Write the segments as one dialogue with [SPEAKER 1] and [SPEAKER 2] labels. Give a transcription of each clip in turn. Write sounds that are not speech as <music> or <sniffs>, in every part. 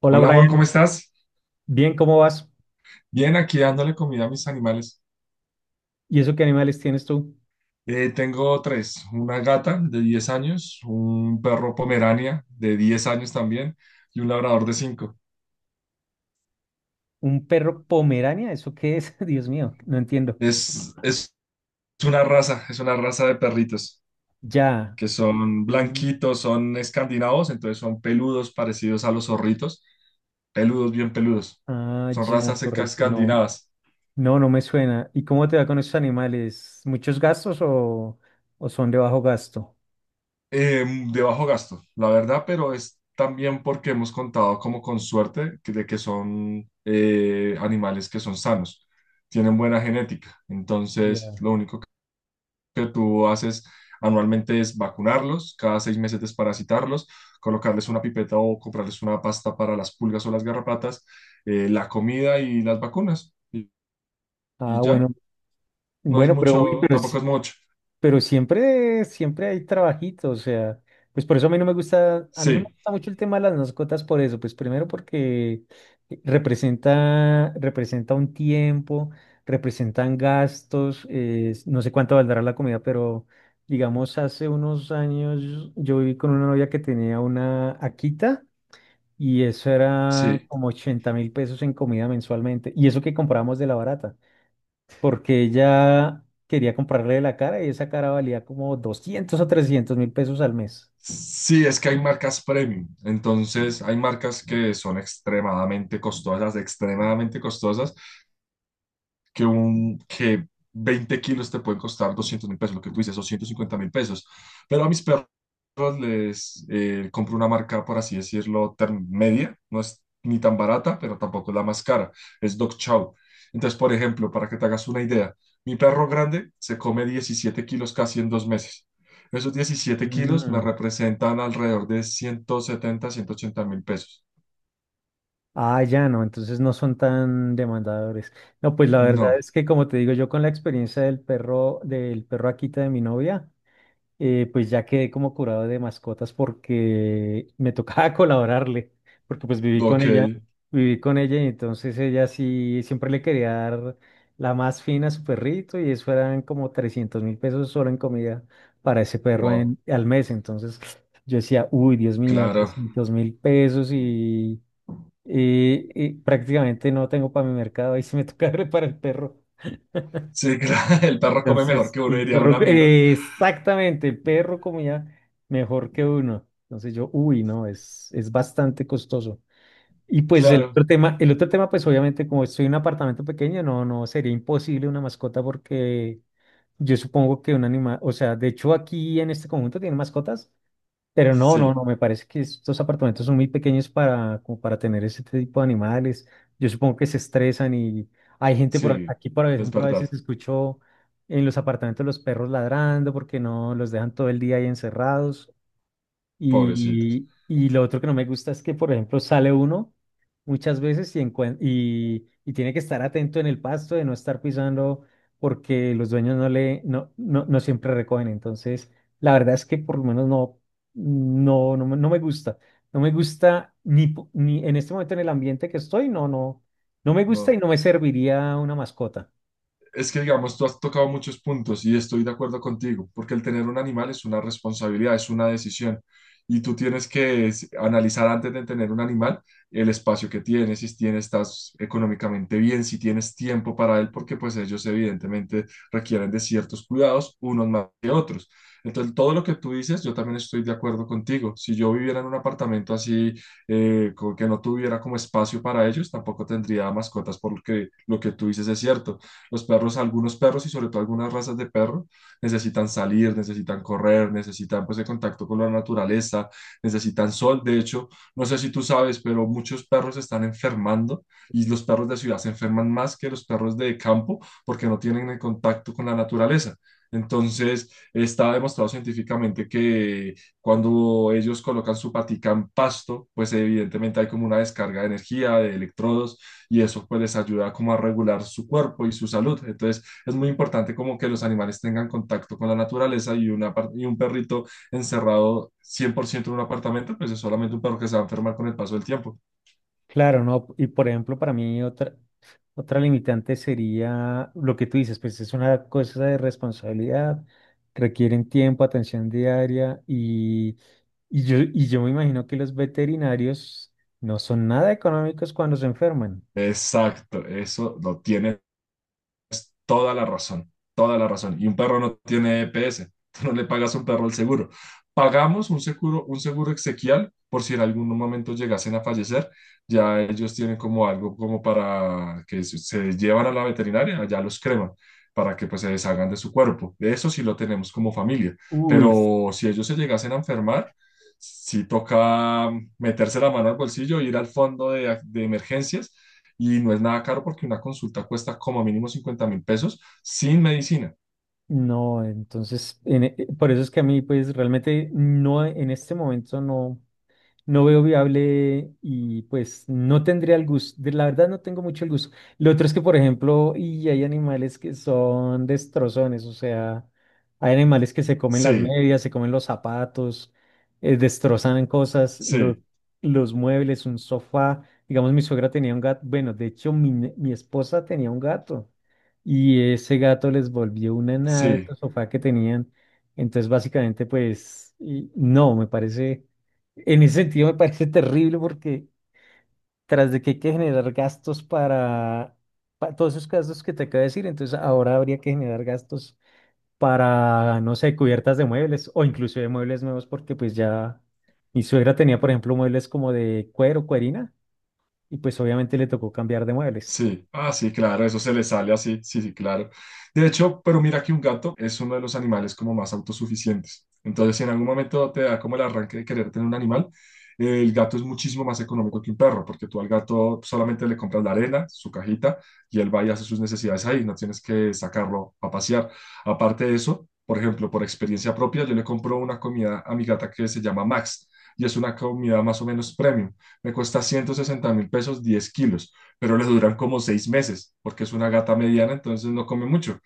[SPEAKER 1] Hola
[SPEAKER 2] Hola Juan,
[SPEAKER 1] Brian,
[SPEAKER 2] ¿cómo estás?
[SPEAKER 1] bien, ¿cómo vas?
[SPEAKER 2] Bien, aquí dándole comida a mis animales.
[SPEAKER 1] ¿Y eso qué animales tienes tú?
[SPEAKER 2] Tengo tres, una gata de 10 años, un perro pomerania de 10 años también y un labrador de cinco.
[SPEAKER 1] ¿Un perro pomerania? ¿Eso qué es? <laughs> Dios mío, no entiendo.
[SPEAKER 2] Es una raza, es una raza de perritos
[SPEAKER 1] Ya.
[SPEAKER 2] que son
[SPEAKER 1] Mm.
[SPEAKER 2] blanquitos, son escandinavos, entonces son peludos parecidos a los zorritos, peludos, bien peludos.
[SPEAKER 1] Ah,
[SPEAKER 2] Son
[SPEAKER 1] ya,
[SPEAKER 2] razas
[SPEAKER 1] correcto. No,
[SPEAKER 2] escandinavas.
[SPEAKER 1] no, no me suena. ¿Y cómo te va con esos animales? ¿Muchos gastos o son de bajo gasto?
[SPEAKER 2] eh, de bajo gasto, la verdad, pero es también porque hemos contado como con suerte de que son animales que son sanos, tienen buena genética. Entonces,
[SPEAKER 1] Ya.
[SPEAKER 2] lo único que tú haces anualmente es vacunarlos, cada 6 meses desparasitarlos, colocarles una pipeta o comprarles una pasta para las pulgas o las garrapatas, la comida y las vacunas. Y
[SPEAKER 1] Ah, bueno,
[SPEAKER 2] ya, no es
[SPEAKER 1] bueno, pero uy,
[SPEAKER 2] mucho,
[SPEAKER 1] pero
[SPEAKER 2] tampoco
[SPEAKER 1] es-
[SPEAKER 2] es mucho.
[SPEAKER 1] Pero siempre, siempre hay trabajito, o sea, pues por eso a mí no me gusta, a mí no me
[SPEAKER 2] Sí,
[SPEAKER 1] gusta mucho el tema de las mascotas por eso, pues primero porque representa un tiempo, representan gastos, no sé cuánto valdrá la comida, pero digamos hace unos años yo viví con una novia que tenía una Akita y eso era
[SPEAKER 2] sí.
[SPEAKER 1] como 80.000 pesos en comida mensualmente, y eso que comprábamos de la barata porque ella quería comprarle la cara y esa cara valía como 200 o 300.000 pesos al mes.
[SPEAKER 2] Sí, es que hay marcas premium, entonces hay marcas que son extremadamente costosas, que 20 kilos te pueden costar 200.000 pesos, lo que tú dices, 250.000 pesos. Pero a mis perros les compro una marca, por así decirlo, media, no es ni tan barata, pero tampoco es la más cara, es Dog Chow. Entonces, por ejemplo, para que te hagas una idea, mi perro grande se come 17 kilos casi en 2 meses. Esos 17 kilos me
[SPEAKER 1] Mm.
[SPEAKER 2] representan alrededor de 170 180.000 pesos.
[SPEAKER 1] Ah, ya no, entonces no son tan demandadores. No, pues la verdad
[SPEAKER 2] No,
[SPEAKER 1] es que como te digo, yo con la experiencia del perro Akita de mi novia, pues ya quedé como curado de mascotas porque me tocaba <laughs> colaborarle, porque pues viví con
[SPEAKER 2] ok,
[SPEAKER 1] ella, viví con ella y entonces ella sí siempre le quería dar la más fina a su perrito y eso eran como 300.000 pesos solo en comida para ese perro
[SPEAKER 2] wow,
[SPEAKER 1] al mes. Entonces <sniffs> yo decía, uy, Dios mío,
[SPEAKER 2] claro.
[SPEAKER 1] 300.000 pesos y prácticamente no tengo para mi mercado, ahí sí me toca <laughs> darle para el perro.
[SPEAKER 2] Sí, claro, <laughs> el perro come mejor
[SPEAKER 1] Entonces,
[SPEAKER 2] que uno,
[SPEAKER 1] el
[SPEAKER 2] diría un
[SPEAKER 1] perro,
[SPEAKER 2] amigo.
[SPEAKER 1] exactamente, el perro comía mejor que uno. Entonces yo, uy, no, es bastante costoso. Y pues el
[SPEAKER 2] Claro,
[SPEAKER 1] otro tema, el otro tema, pues obviamente como estoy en un apartamento pequeño, no, no sería imposible una mascota porque yo supongo que un animal, o sea, de hecho aquí en este conjunto tienen mascotas, pero no, no,
[SPEAKER 2] sí,
[SPEAKER 1] no, me parece que estos apartamentos son muy pequeños como para tener ese tipo de animales. Yo supongo que se estresan y hay gente por ac-
[SPEAKER 2] sí,
[SPEAKER 1] aquí, por
[SPEAKER 2] es
[SPEAKER 1] ejemplo, a veces
[SPEAKER 2] verdad.
[SPEAKER 1] escucho en los apartamentos los perros ladrando porque no los dejan todo el día ahí encerrados.
[SPEAKER 2] Pobrecitos.
[SPEAKER 1] Y lo otro que no me gusta es que, por ejemplo, sale uno muchas veces y tiene que estar atento en el pasto de no estar pisando porque los dueños no le no, no, no siempre recogen. Entonces, la verdad es que por lo menos no me gusta. No me gusta ni en este momento en el ambiente que estoy, no me gusta y
[SPEAKER 2] No.
[SPEAKER 1] no me serviría una mascota.
[SPEAKER 2] Es que, digamos, tú has tocado muchos puntos y estoy de acuerdo contigo, porque el tener un animal es una responsabilidad, es una decisión. Y tú tienes que analizar antes de tener un animal el espacio que tienes, si tienes, estás económicamente bien, si tienes tiempo para él, porque pues ellos evidentemente requieren de ciertos cuidados, unos más que otros. Entonces, todo lo que tú dices, yo también estoy de acuerdo contigo. Si yo viviera en un apartamento así, que no tuviera como espacio para ellos, tampoco tendría mascotas, porque lo que tú dices es cierto, los perros, algunos perros y sobre todo algunas razas de perro necesitan salir, necesitan correr, necesitan pues el contacto con la naturaleza, necesitan sol. De hecho, no sé si tú sabes, pero muchos perros se están enfermando y los perros de ciudad se enferman más que los perros de campo porque no tienen el contacto con la naturaleza. Entonces, está demostrado científicamente que cuando ellos colocan su patica en pasto, pues evidentemente hay como una descarga de energía, de electrodos, y eso pues les ayuda como a regular su cuerpo y su salud. Entonces es muy importante como que los animales tengan contacto con la naturaleza y, y un perrito encerrado 100% en un apartamento, pues es solamente un perro que se va a enfermar con el paso del tiempo.
[SPEAKER 1] Claro, ¿no? Y por ejemplo, para mí otra limitante sería lo que tú dices, pues es una cosa de responsabilidad, requieren tiempo, atención diaria y yo me imagino que los veterinarios no son nada económicos cuando se enferman.
[SPEAKER 2] Exacto, eso lo tiene. Toda la razón, toda la razón. Y un perro no tiene EPS, <laughs> tú no le pagas a un perro el seguro. Pagamos un seguro exequial por si en algún momento llegasen a fallecer, ya ellos tienen como algo como para que se llevan a la veterinaria, allá los creman para que pues se deshagan de su cuerpo. Eso sí lo tenemos como familia,
[SPEAKER 1] Uy,
[SPEAKER 2] pero si ellos se llegasen a enfermar, sí toca meterse la mano al bolsillo, ir al fondo de emergencias, y no es nada caro porque una consulta cuesta como mínimo 50.000 pesos sin medicina.
[SPEAKER 1] no, entonces, por eso es que a mí, pues realmente no, en este momento no. No veo viable y pues no tendría el gusto, la verdad no tengo mucho el gusto. Lo otro es que, por ejemplo, y hay animales que son destrozones, o sea, hay animales que se comen las
[SPEAKER 2] Sí,
[SPEAKER 1] medias, se comen los zapatos, destrozan cosas, los,
[SPEAKER 2] sí,
[SPEAKER 1] los muebles, un sofá. Digamos, mi suegra tenía un gato, bueno, de hecho, mi esposa tenía un gato y ese gato les volvió una nada de
[SPEAKER 2] sí.
[SPEAKER 1] estos sofá que tenían. Entonces, básicamente, pues, no, me parece. En ese sentido me parece terrible porque tras de que hay que generar gastos para, todos esos gastos que te acabo de decir, entonces ahora habría que generar gastos para, no sé, cubiertas de muebles o incluso de muebles nuevos porque pues ya mi suegra tenía, por ejemplo, muebles como de cuero, cuerina y pues obviamente le tocó cambiar de muebles.
[SPEAKER 2] Sí, ah, sí, claro, eso se le sale así, sí, sí, claro. De hecho, pero mira que un gato es uno de los animales como más autosuficientes. Entonces, si en algún momento te da como el arranque de querer tener un animal, el gato es muchísimo más económico que un perro, porque tú al gato solamente le compras la arena, su cajita, y él va y hace sus necesidades ahí, no tienes que sacarlo a pasear. Aparte de eso, por ejemplo, por experiencia propia, yo le compro una comida a mi gata que se llama Max, y es una comida más o menos premium. Me cuesta 160 mil pesos, 10 kilos, pero les duran como 6 meses, porque es una gata mediana, entonces no come mucho.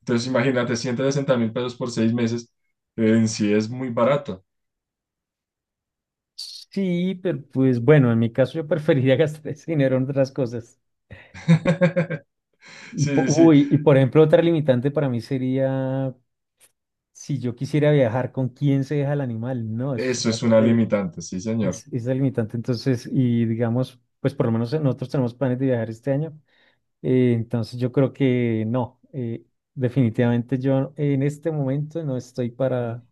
[SPEAKER 2] Entonces imagínate, 160.000 pesos por 6 meses, en sí es muy barato.
[SPEAKER 1] Sí, pero pues bueno, en mi caso yo preferiría <laughs> gastar ese dinero en otras cosas.
[SPEAKER 2] <laughs>
[SPEAKER 1] Y,
[SPEAKER 2] Sí, sí, sí,
[SPEAKER 1] uy, y por ejemplo, otra limitante para mí sería si yo quisiera viajar, ¿con quién se deja el animal? No, eso
[SPEAKER 2] eso
[SPEAKER 1] sería
[SPEAKER 2] es una
[SPEAKER 1] terrible.
[SPEAKER 2] limitante, sí, señor,
[SPEAKER 1] Es la limitante. Entonces, y digamos, pues por lo menos nosotros tenemos planes de viajar este año. Entonces, yo creo que no. Definitivamente yo en este momento no estoy para,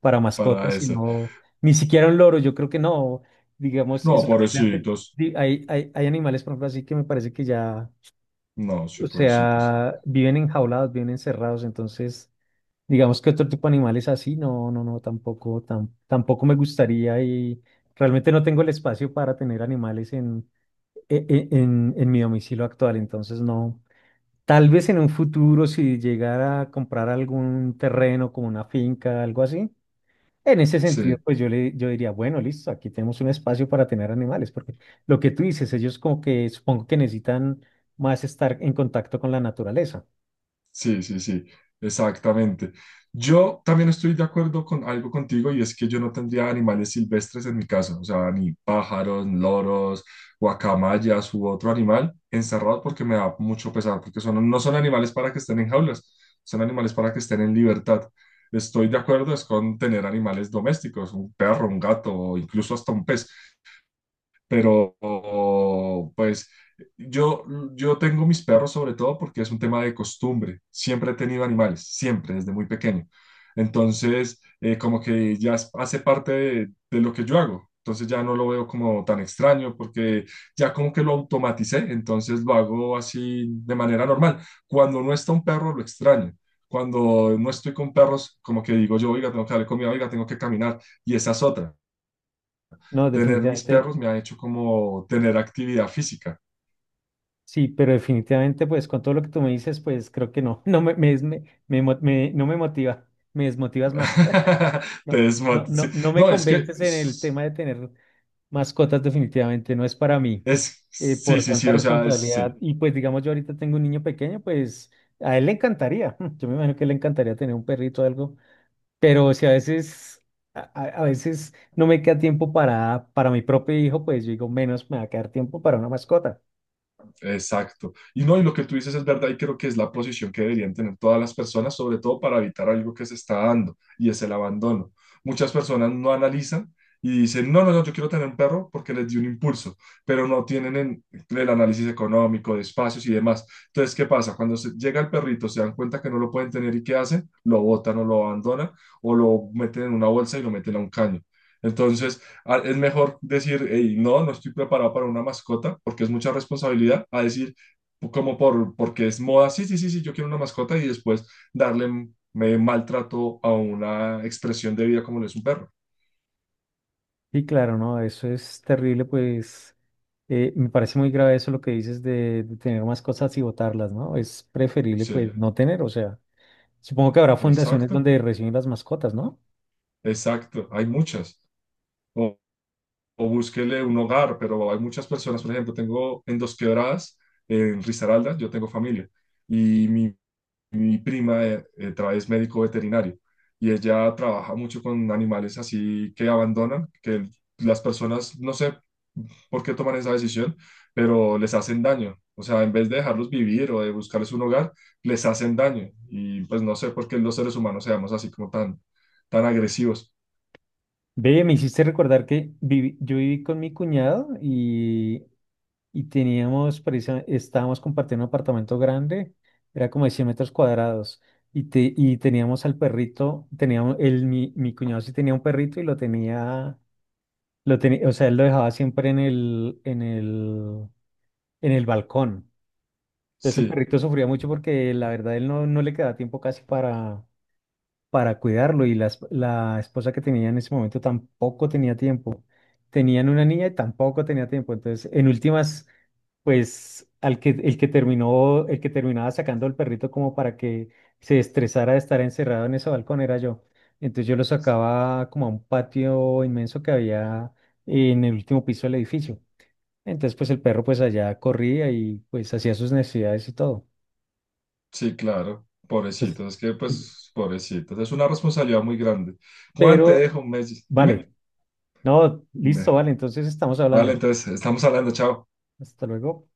[SPEAKER 1] para
[SPEAKER 2] para
[SPEAKER 1] mascotas,
[SPEAKER 2] eso.
[SPEAKER 1] sino ni siquiera un loro. Yo creo que no. Digamos,
[SPEAKER 2] No,
[SPEAKER 1] eso también me hace-
[SPEAKER 2] pobrecitos,
[SPEAKER 1] di- hay animales, por ejemplo, así que me parece que ya.
[SPEAKER 2] no, sí,
[SPEAKER 1] O
[SPEAKER 2] pobrecitos,
[SPEAKER 1] sea, viven enjaulados, viven encerrados, entonces digamos que otro tipo de animales así, tampoco me gustaría y realmente no tengo el espacio para tener animales en, e- e- en mi domicilio actual, entonces no. Tal vez en un futuro si llegara a comprar algún terreno como una finca, algo así, en ese sentido
[SPEAKER 2] sí.
[SPEAKER 1] pues yo diría, bueno, listo, aquí tenemos un espacio para tener animales, porque lo que tú dices, ellos como que supongo que necesitan más estar en contacto con la naturaleza.
[SPEAKER 2] Sí, sí, sí, exactamente. Yo también estoy de acuerdo con algo contigo y es que yo no tendría animales silvestres en mi casa, o sea, ni pájaros, loros, guacamayas u otro animal encerrado porque me da mucho pesar, porque son, no son animales para que estén en jaulas, son animales para que estén en libertad. Estoy de acuerdo es con tener animales domésticos, un perro, un gato o incluso hasta un pez, pero pues yo, yo tengo mis perros sobre todo porque es un tema de costumbre. Siempre he tenido animales, siempre, desde muy pequeño. Entonces, como que ya hace parte de lo que yo hago. Entonces ya no lo veo como tan extraño porque ya como que lo automaticé, entonces lo hago así de manera normal. Cuando no está un perro, lo extraño. Cuando no estoy con perros, como que digo yo, oiga, tengo que darle comida, oiga, tengo que caminar. Y esa es otra,
[SPEAKER 1] No,
[SPEAKER 2] tener mis
[SPEAKER 1] definitivamente,
[SPEAKER 2] perros me ha hecho como tener actividad física.
[SPEAKER 1] sí, pero definitivamente, pues con todo lo que tú me dices, pues creo que no, <laughs> no me, me, des- me mo- me- no me motiva, me desmotivas más. <laughs>
[SPEAKER 2] <laughs>
[SPEAKER 1] No, no,
[SPEAKER 2] Sí.
[SPEAKER 1] no, no me
[SPEAKER 2] No, es que
[SPEAKER 1] convences en el
[SPEAKER 2] es,
[SPEAKER 1] tema de tener mascotas, definitivamente, no es para mí,
[SPEAKER 2] sí,
[SPEAKER 1] por
[SPEAKER 2] sí,
[SPEAKER 1] tanta
[SPEAKER 2] sí, o sea,
[SPEAKER 1] responsabilidad.
[SPEAKER 2] sí.
[SPEAKER 1] Y pues digamos, yo ahorita tengo un niño pequeño, pues a él le encantaría, <laughs> yo me imagino que le encantaría tener un perrito o algo, pero si a veces, a veces no me queda tiempo para mi propio hijo, pues yo digo, menos me va a quedar tiempo para una mascota.
[SPEAKER 2] Exacto. Y no, y lo que tú dices es verdad y creo que es la posición que deberían tener todas las personas, sobre todo para evitar algo que se está dando y es el abandono. Muchas personas no analizan y dicen, no, no, no, yo quiero tener un perro porque les dio un impulso, pero no tienen el análisis económico, de espacios y demás. Entonces, ¿qué pasa? Cuando llega el perrito, se dan cuenta que no lo pueden tener y ¿qué hacen? Lo botan o lo abandonan o lo meten en una bolsa y lo meten a un caño. Entonces, es mejor decir, "Ey, no, no estoy preparado para una mascota porque es mucha responsabilidad", a decir, como porque es moda, sí, sí, sí, sí, yo quiero una mascota y después darle maltrato a una expresión de vida como lo es un perro.
[SPEAKER 1] Sí, claro, no, eso es terrible, pues me parece muy grave eso lo que dices de tener más cosas y botarlas, ¿no? Es preferible
[SPEAKER 2] Sí,
[SPEAKER 1] pues no tener, o sea, supongo que habrá fundaciones
[SPEAKER 2] exacto,
[SPEAKER 1] donde reciben las mascotas, ¿no?
[SPEAKER 2] exacto, hay muchas. O, o búsquele un hogar, pero hay muchas personas, por ejemplo, tengo en Dos Quebradas, en Risaralda, yo tengo familia. Y mi prima es médico veterinario y ella trabaja mucho con animales así que abandonan, que las personas, no sé por qué toman esa decisión, pero les hacen daño. O sea, en vez de dejarlos vivir o de buscarles un hogar, les hacen daño. Y pues no sé por qué los seres humanos seamos así como tan, tan agresivos.
[SPEAKER 1] Ve, me hiciste recordar que yo viví con mi cuñado y estábamos compartiendo un apartamento grande, era como de 100 metros cuadrados, y teníamos al perrito, mi cuñado sí tenía un perrito y lo tenía, o sea, él lo dejaba siempre en el balcón. Entonces el
[SPEAKER 2] Sí,
[SPEAKER 1] perrito sufría mucho porque la verdad él no le quedaba tiempo casi para cuidarlo y la esposa que tenía en ese momento tampoco tenía tiempo. Tenían una niña y tampoco tenía tiempo. Entonces, en últimas, pues al que, el que terminó, el que terminaba sacando al perrito como para que se estresara de estar encerrado en ese balcón era yo. Entonces yo lo sacaba como a un patio inmenso que había en el último piso del edificio. Entonces, pues el perro pues allá corría y pues hacía sus necesidades y todo.
[SPEAKER 2] sí, claro.
[SPEAKER 1] Pues,
[SPEAKER 2] Pobrecitos, es que pues, pobrecitos, es una responsabilidad muy grande. Juan, te
[SPEAKER 1] pero
[SPEAKER 2] dejo un mes. Dime.
[SPEAKER 1] vale. No,
[SPEAKER 2] Ve,
[SPEAKER 1] listo, vale, entonces estamos
[SPEAKER 2] vale,
[SPEAKER 1] hablando.
[SPEAKER 2] entonces, estamos hablando, chao.
[SPEAKER 1] Hasta luego.